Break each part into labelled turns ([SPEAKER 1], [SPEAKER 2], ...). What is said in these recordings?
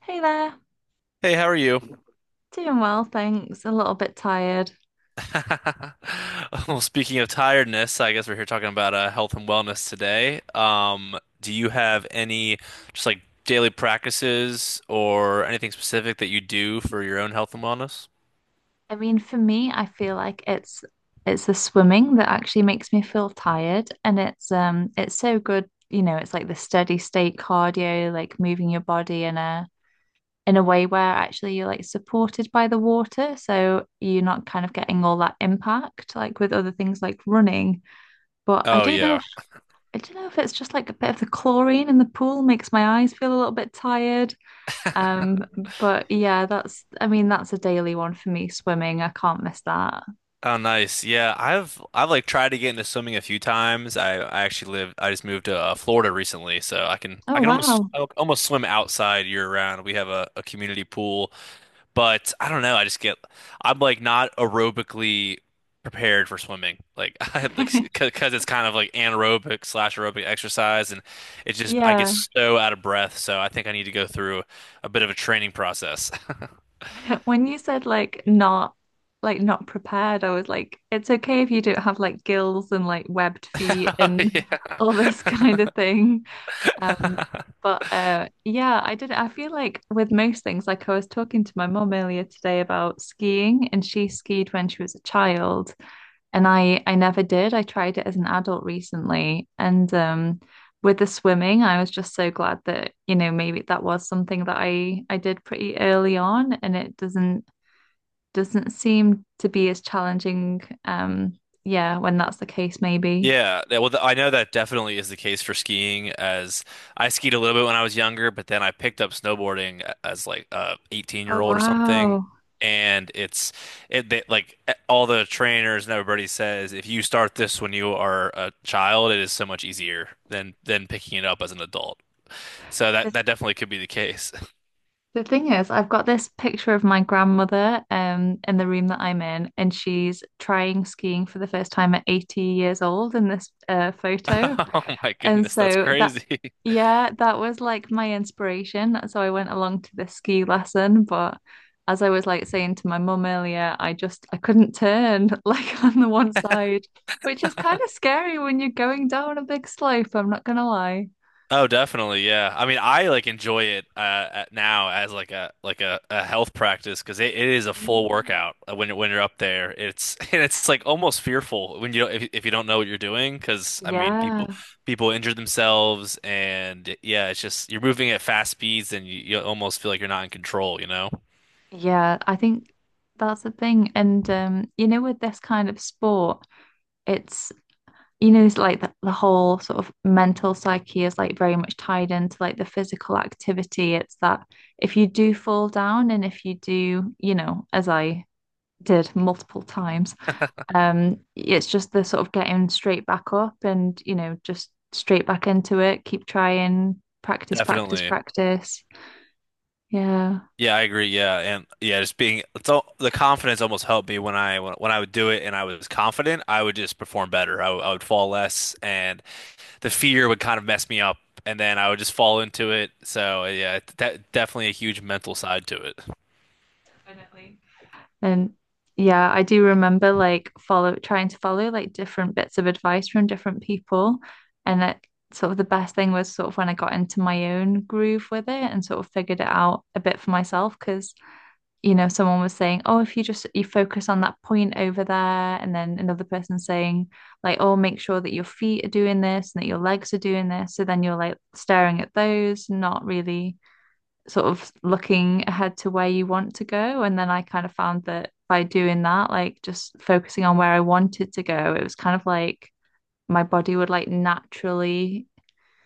[SPEAKER 1] Hey there,
[SPEAKER 2] Hey, how are you?
[SPEAKER 1] doing well, thanks. A little bit tired.
[SPEAKER 2] Well, speaking of tiredness, I guess we're here talking about health and wellness today. Do you have any just like daily practices or anything specific that you do for your own health and wellness?
[SPEAKER 1] I mean, for me, I feel like it's the swimming that actually makes me feel tired, and it's so good, you know, it's like the steady state cardio, like moving your body in a way where actually you're like supported by the water, so you're not kind of getting all that impact like with other things like running. But I
[SPEAKER 2] Oh
[SPEAKER 1] don't know
[SPEAKER 2] yeah.
[SPEAKER 1] if I don't know if it's just like a bit of the chlorine in the pool makes my eyes feel a little bit tired. Um, but yeah, that's, I mean, that's a daily one for me, swimming. I can't miss that.
[SPEAKER 2] Oh nice. Yeah, I've like tried to get into swimming a few times. I actually live I just moved to Florida recently, so
[SPEAKER 1] Oh,
[SPEAKER 2] I can almost
[SPEAKER 1] wow.
[SPEAKER 2] I almost swim outside year round. We have a community pool. But I don't know. I'm like not aerobically prepared for swimming. Like, I like, because it's kind of like anaerobic slash aerobic exercise. And it's just, I get
[SPEAKER 1] Yeah.
[SPEAKER 2] so out of breath. So I think I need to go through a bit of a training process.
[SPEAKER 1] When you said like not prepared, I was like, it's okay if you don't have like gills and like webbed feet and
[SPEAKER 2] Yeah.
[SPEAKER 1] all this kind of thing. Um, but yeah, I did I feel like with most things, like I was talking to my mom earlier today about skiing and she skied when she was a child. And I never did. I tried it as an adult recently, and with the swimming, I was just so glad that you know maybe that was something that I did pretty early on, and it doesn't seem to be as challenging. Yeah, when that's the case, maybe.
[SPEAKER 2] I know that definitely is the case for skiing as I skied a little bit when I was younger, but then I picked up snowboarding as like a 18
[SPEAKER 1] Oh,
[SPEAKER 2] year old or something.
[SPEAKER 1] wow.
[SPEAKER 2] And it's it They, like all the trainers and everybody says if you start this when you are a child, it is so much easier than picking it up as an adult. So
[SPEAKER 1] The
[SPEAKER 2] that definitely could be the case.
[SPEAKER 1] the thing is, I've got this picture of my grandmother in the room that I'm in, and she's trying skiing for the first time at 80 years old in this photo.
[SPEAKER 2] Oh my
[SPEAKER 1] And
[SPEAKER 2] goodness, that's
[SPEAKER 1] so that,
[SPEAKER 2] crazy.
[SPEAKER 1] yeah, that was like my inspiration. So I went along to this ski lesson, but as I was like saying to my mum earlier, I couldn't turn like on the one side, which is kind of scary when you're going down a big slope, I'm not gonna lie.
[SPEAKER 2] Oh, definitely, yeah. I mean, I like enjoy it at now as like a like a health practice because it is a full
[SPEAKER 1] Mm.
[SPEAKER 2] workout when you're up there. It's and it's like almost fearful when you don't- if you don't know what you're doing because I mean
[SPEAKER 1] Yeah.
[SPEAKER 2] people injure themselves. And yeah, it's just you're moving at fast speeds and you almost feel like you're not in control, you know?
[SPEAKER 1] Yeah, I think that's the thing. And you know, with this kind of sport, it's you know, it's like the whole sort of mental psyche is like very much tied into like the physical activity. It's that if you do fall down and if you do, you know, as I did multiple times, it's just the sort of getting straight back up and, you know, just straight back into it, keep trying, practice, practice,
[SPEAKER 2] Definitely.
[SPEAKER 1] practice. Yeah.
[SPEAKER 2] Yeah, I agree. Yeah, and yeah, just being it's all the confidence almost helped me when when I would do it and I was confident, I would just perform better. I would fall less, and the fear would kind of mess me up, and then I would just fall into it. So yeah, that definitely a huge mental side to it.
[SPEAKER 1] Definitely. And yeah, I do remember like follow trying to follow like different bits of advice from different people. And that sort of the best thing was sort of when I got into my own groove with it and sort of figured it out a bit for myself. Because, you know, someone was saying, oh, if you just you focus on that point over there, and then another person saying, like, oh, make sure that your feet are doing this and that your legs are doing this. So then you're like staring at those, not really sort of looking ahead to where you want to go. And then I kind of found that by doing that, like just focusing on where I wanted to go, it was kind of like my body would like naturally,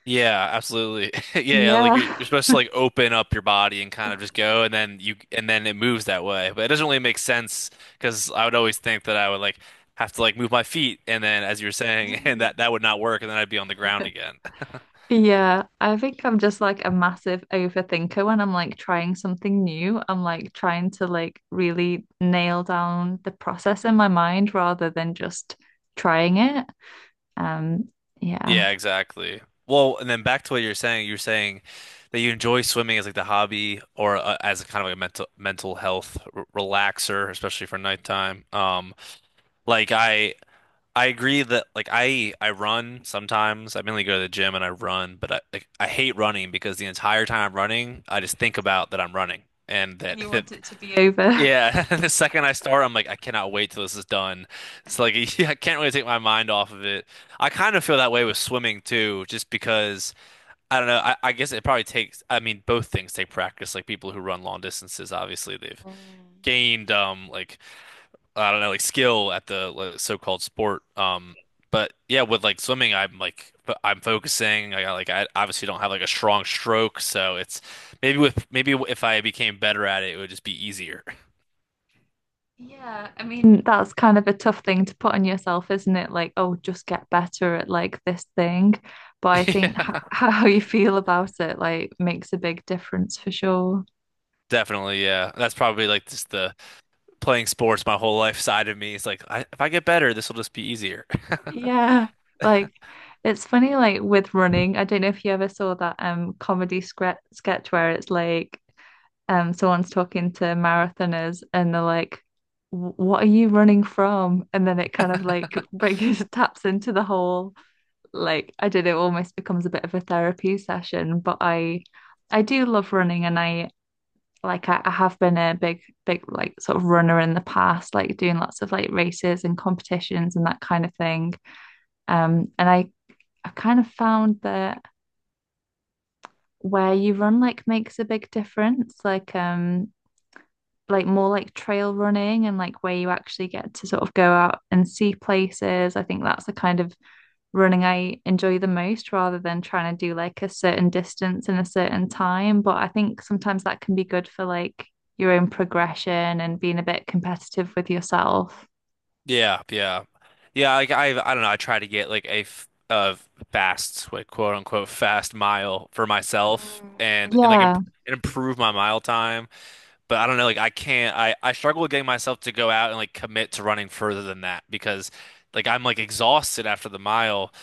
[SPEAKER 2] Yeah, absolutely. Yeah, yeah, like
[SPEAKER 1] yeah.
[SPEAKER 2] you're supposed to like open up your body and kind of just go, and then it moves that way. But it doesn't really make sense because I would always think that I would like have to like move my feet, and then as you were saying, and that that would not work, and then I'd be on the ground again.
[SPEAKER 1] Yeah, I think I'm just like a massive overthinker when I'm like trying something new. I'm like trying to like really nail down the process in my mind rather than just trying it. Um, yeah.
[SPEAKER 2] Yeah, exactly. Well, and then back to what you're saying that you enjoy swimming as like the hobby or as a kind of like a mental health r relaxer, especially for nighttime. Like I agree that like I run sometimes. I mainly go to the gym and I run, but I like, I hate running because the entire time I'm running, I just think about that I'm running. And
[SPEAKER 1] And
[SPEAKER 2] that,
[SPEAKER 1] you want
[SPEAKER 2] that
[SPEAKER 1] it to be over.
[SPEAKER 2] Yeah, the second I start, I'm like I cannot wait till this is done. It's like I can't really take my mind off of it. I kind of feel that way with swimming too, just because I don't know. I guess it probably takes. I mean, both things take practice. Like people who run long distances, obviously they've gained like I don't know, like skill at the like, so-called sport. But yeah, with like swimming, I'm like I'm focusing. I got like I obviously don't have like a strong stroke, so it's maybe with maybe if I became better at it, it would just be easier.
[SPEAKER 1] Yeah, I mean, that's kind of a tough thing to put on yourself, isn't it? Like, oh, just get better at like this thing. But I think h
[SPEAKER 2] Yeah,
[SPEAKER 1] how you feel about it like makes a big difference for sure.
[SPEAKER 2] definitely. Yeah, that's probably like just the playing sports my whole life side of me. It's like if I get better, this will just be easier.
[SPEAKER 1] Yeah. Like it's funny like with running, I don't know if you ever saw that comedy scre sketch where it's like someone's talking to marathoners and they're like What are you running from?" And then it kind of like brings taps into the whole like I don't know, it almost becomes a bit of a therapy session. But I do love running and I like I have been a big, big like sort of runner in the past, like doing lots of like races and competitions and that kind of thing. And I kind of found that where you run like makes a big difference. Like more like trail running and like where you actually get to sort of go out and see places. I think that's the kind of running I enjoy the most rather than trying to do like a certain distance in a certain time. But I think sometimes that can be good for like your own progression and being a bit competitive with yourself.
[SPEAKER 2] Yeah, yeah, yeah. Like I don't know. I try to get like a fast, like quote unquote, fast mile for myself,
[SPEAKER 1] Mm,
[SPEAKER 2] and like
[SPEAKER 1] yeah.
[SPEAKER 2] imp and improve my mile time. But I don't know. Like I can't. I struggle with getting myself to go out and like commit to running further than that because like I'm like exhausted after the mile.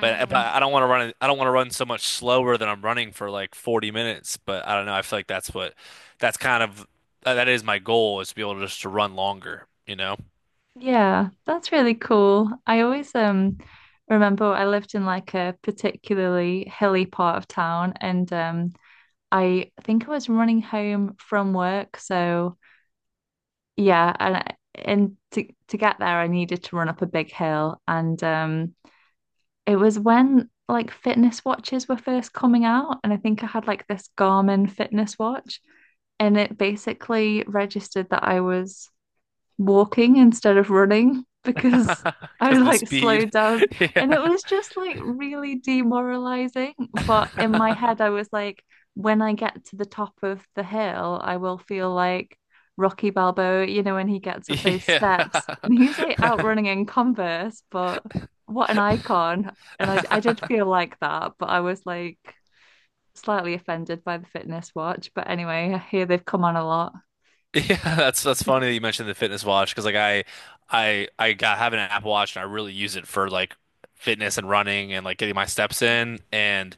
[SPEAKER 2] But I don't want to run. I don't want to run so much slower than I'm running for like 40 minutes. But I don't know. I feel like that's what that's kind of that is my goal is to be able to just to run longer. You know.
[SPEAKER 1] Yeah, that's really cool. I always remember I lived in like a particularly hilly part of town and I think I was running home from work, so yeah, and to get there, I needed to run up a big hill, and it was when like fitness watches were first coming out, and I think I had like this Garmin fitness watch, and it basically registered that I was walking instead of running because I
[SPEAKER 2] Because the
[SPEAKER 1] like
[SPEAKER 2] speed.
[SPEAKER 1] slowed down
[SPEAKER 2] Yeah.
[SPEAKER 1] and it was just like really demoralizing. But in my head, I was like, when I get to the top of the hill, I will feel like Rocky Balboa, you know, when he gets up those steps and he's like out running in Converse, but what an icon. And I did
[SPEAKER 2] Yeah.
[SPEAKER 1] feel like that, but I was like slightly offended by the fitness watch. But anyway, I hear they've come on a lot.
[SPEAKER 2] Yeah, that's funny that you mentioned the fitness watch because like I got have an Apple Watch and I really use it for like fitness and running and like getting my steps in. And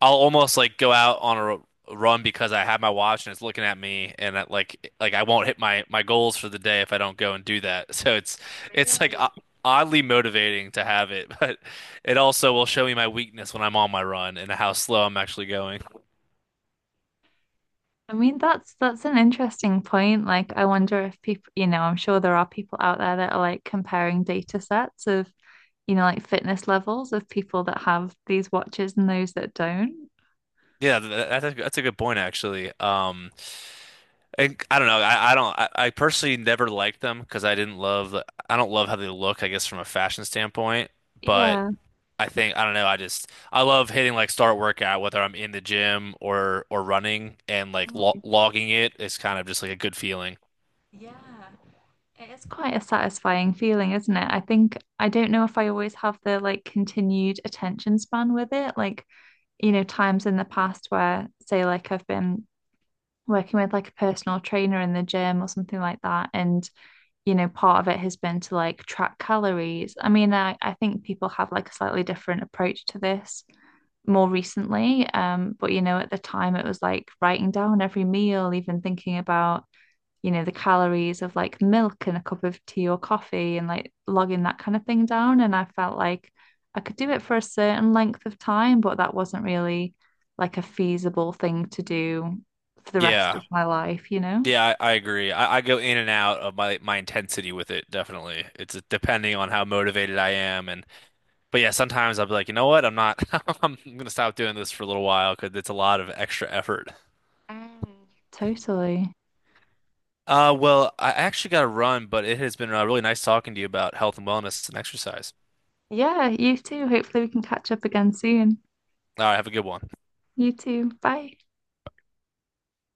[SPEAKER 2] I'll almost like go out on a run because I have my watch and it's looking at me, and I, like I won't hit my goals for the day if I don't go and do that. So it's like
[SPEAKER 1] Really?
[SPEAKER 2] oddly motivating to have it, but it also will show me my weakness when I'm on my run and how slow I'm actually going.
[SPEAKER 1] I mean, that's an interesting point. Like, I wonder if people, you know, I'm sure there are people out there that are like comparing data sets of, you know, like fitness levels of people that have these watches and those that don't.
[SPEAKER 2] Yeah, that's that's a good point actually. I don't know. I don't. I personally never liked them because I didn't love. I don't love how they look, I guess, from a fashion standpoint, but
[SPEAKER 1] Yeah.
[SPEAKER 2] I think I don't know. I just I love hitting like start workout whether I'm in the gym or running, and like lo
[SPEAKER 1] Mhm.
[SPEAKER 2] logging it is kind of just like a good feeling.
[SPEAKER 1] Yeah. It is quite a satisfying feeling, isn't it? I think I don't know if I always have the like continued attention span with it. Like, you know, times in the past where, say, like I've been working with like a personal trainer in the gym or something like that, and you know, part of it has been to like track calories. I mean, I think people have like a slightly different approach to this more recently. But you know, at the time it was like writing down every meal, even thinking about, you know, the calories of like milk and a cup of tea or coffee and like logging that kind of thing down. And I felt like I could do it for a certain length of time, but that wasn't really like a feasible thing to do for the rest
[SPEAKER 2] Yeah,
[SPEAKER 1] of my life, you know?
[SPEAKER 2] yeah. I agree. I go in and out of my intensity with it. Definitely, it's depending on how motivated I am and. But yeah, sometimes I'll be like, you know what? I'm not. I'm gonna stop doing this for a little while because it's a lot of extra effort.
[SPEAKER 1] Mm. Totally.
[SPEAKER 2] Well, I actually got to run, but it has been really nice talking to you about health and wellness and exercise.
[SPEAKER 1] Yeah, you too. Hopefully, we can catch up again soon.
[SPEAKER 2] All right, have a good one.
[SPEAKER 1] You too. Bye.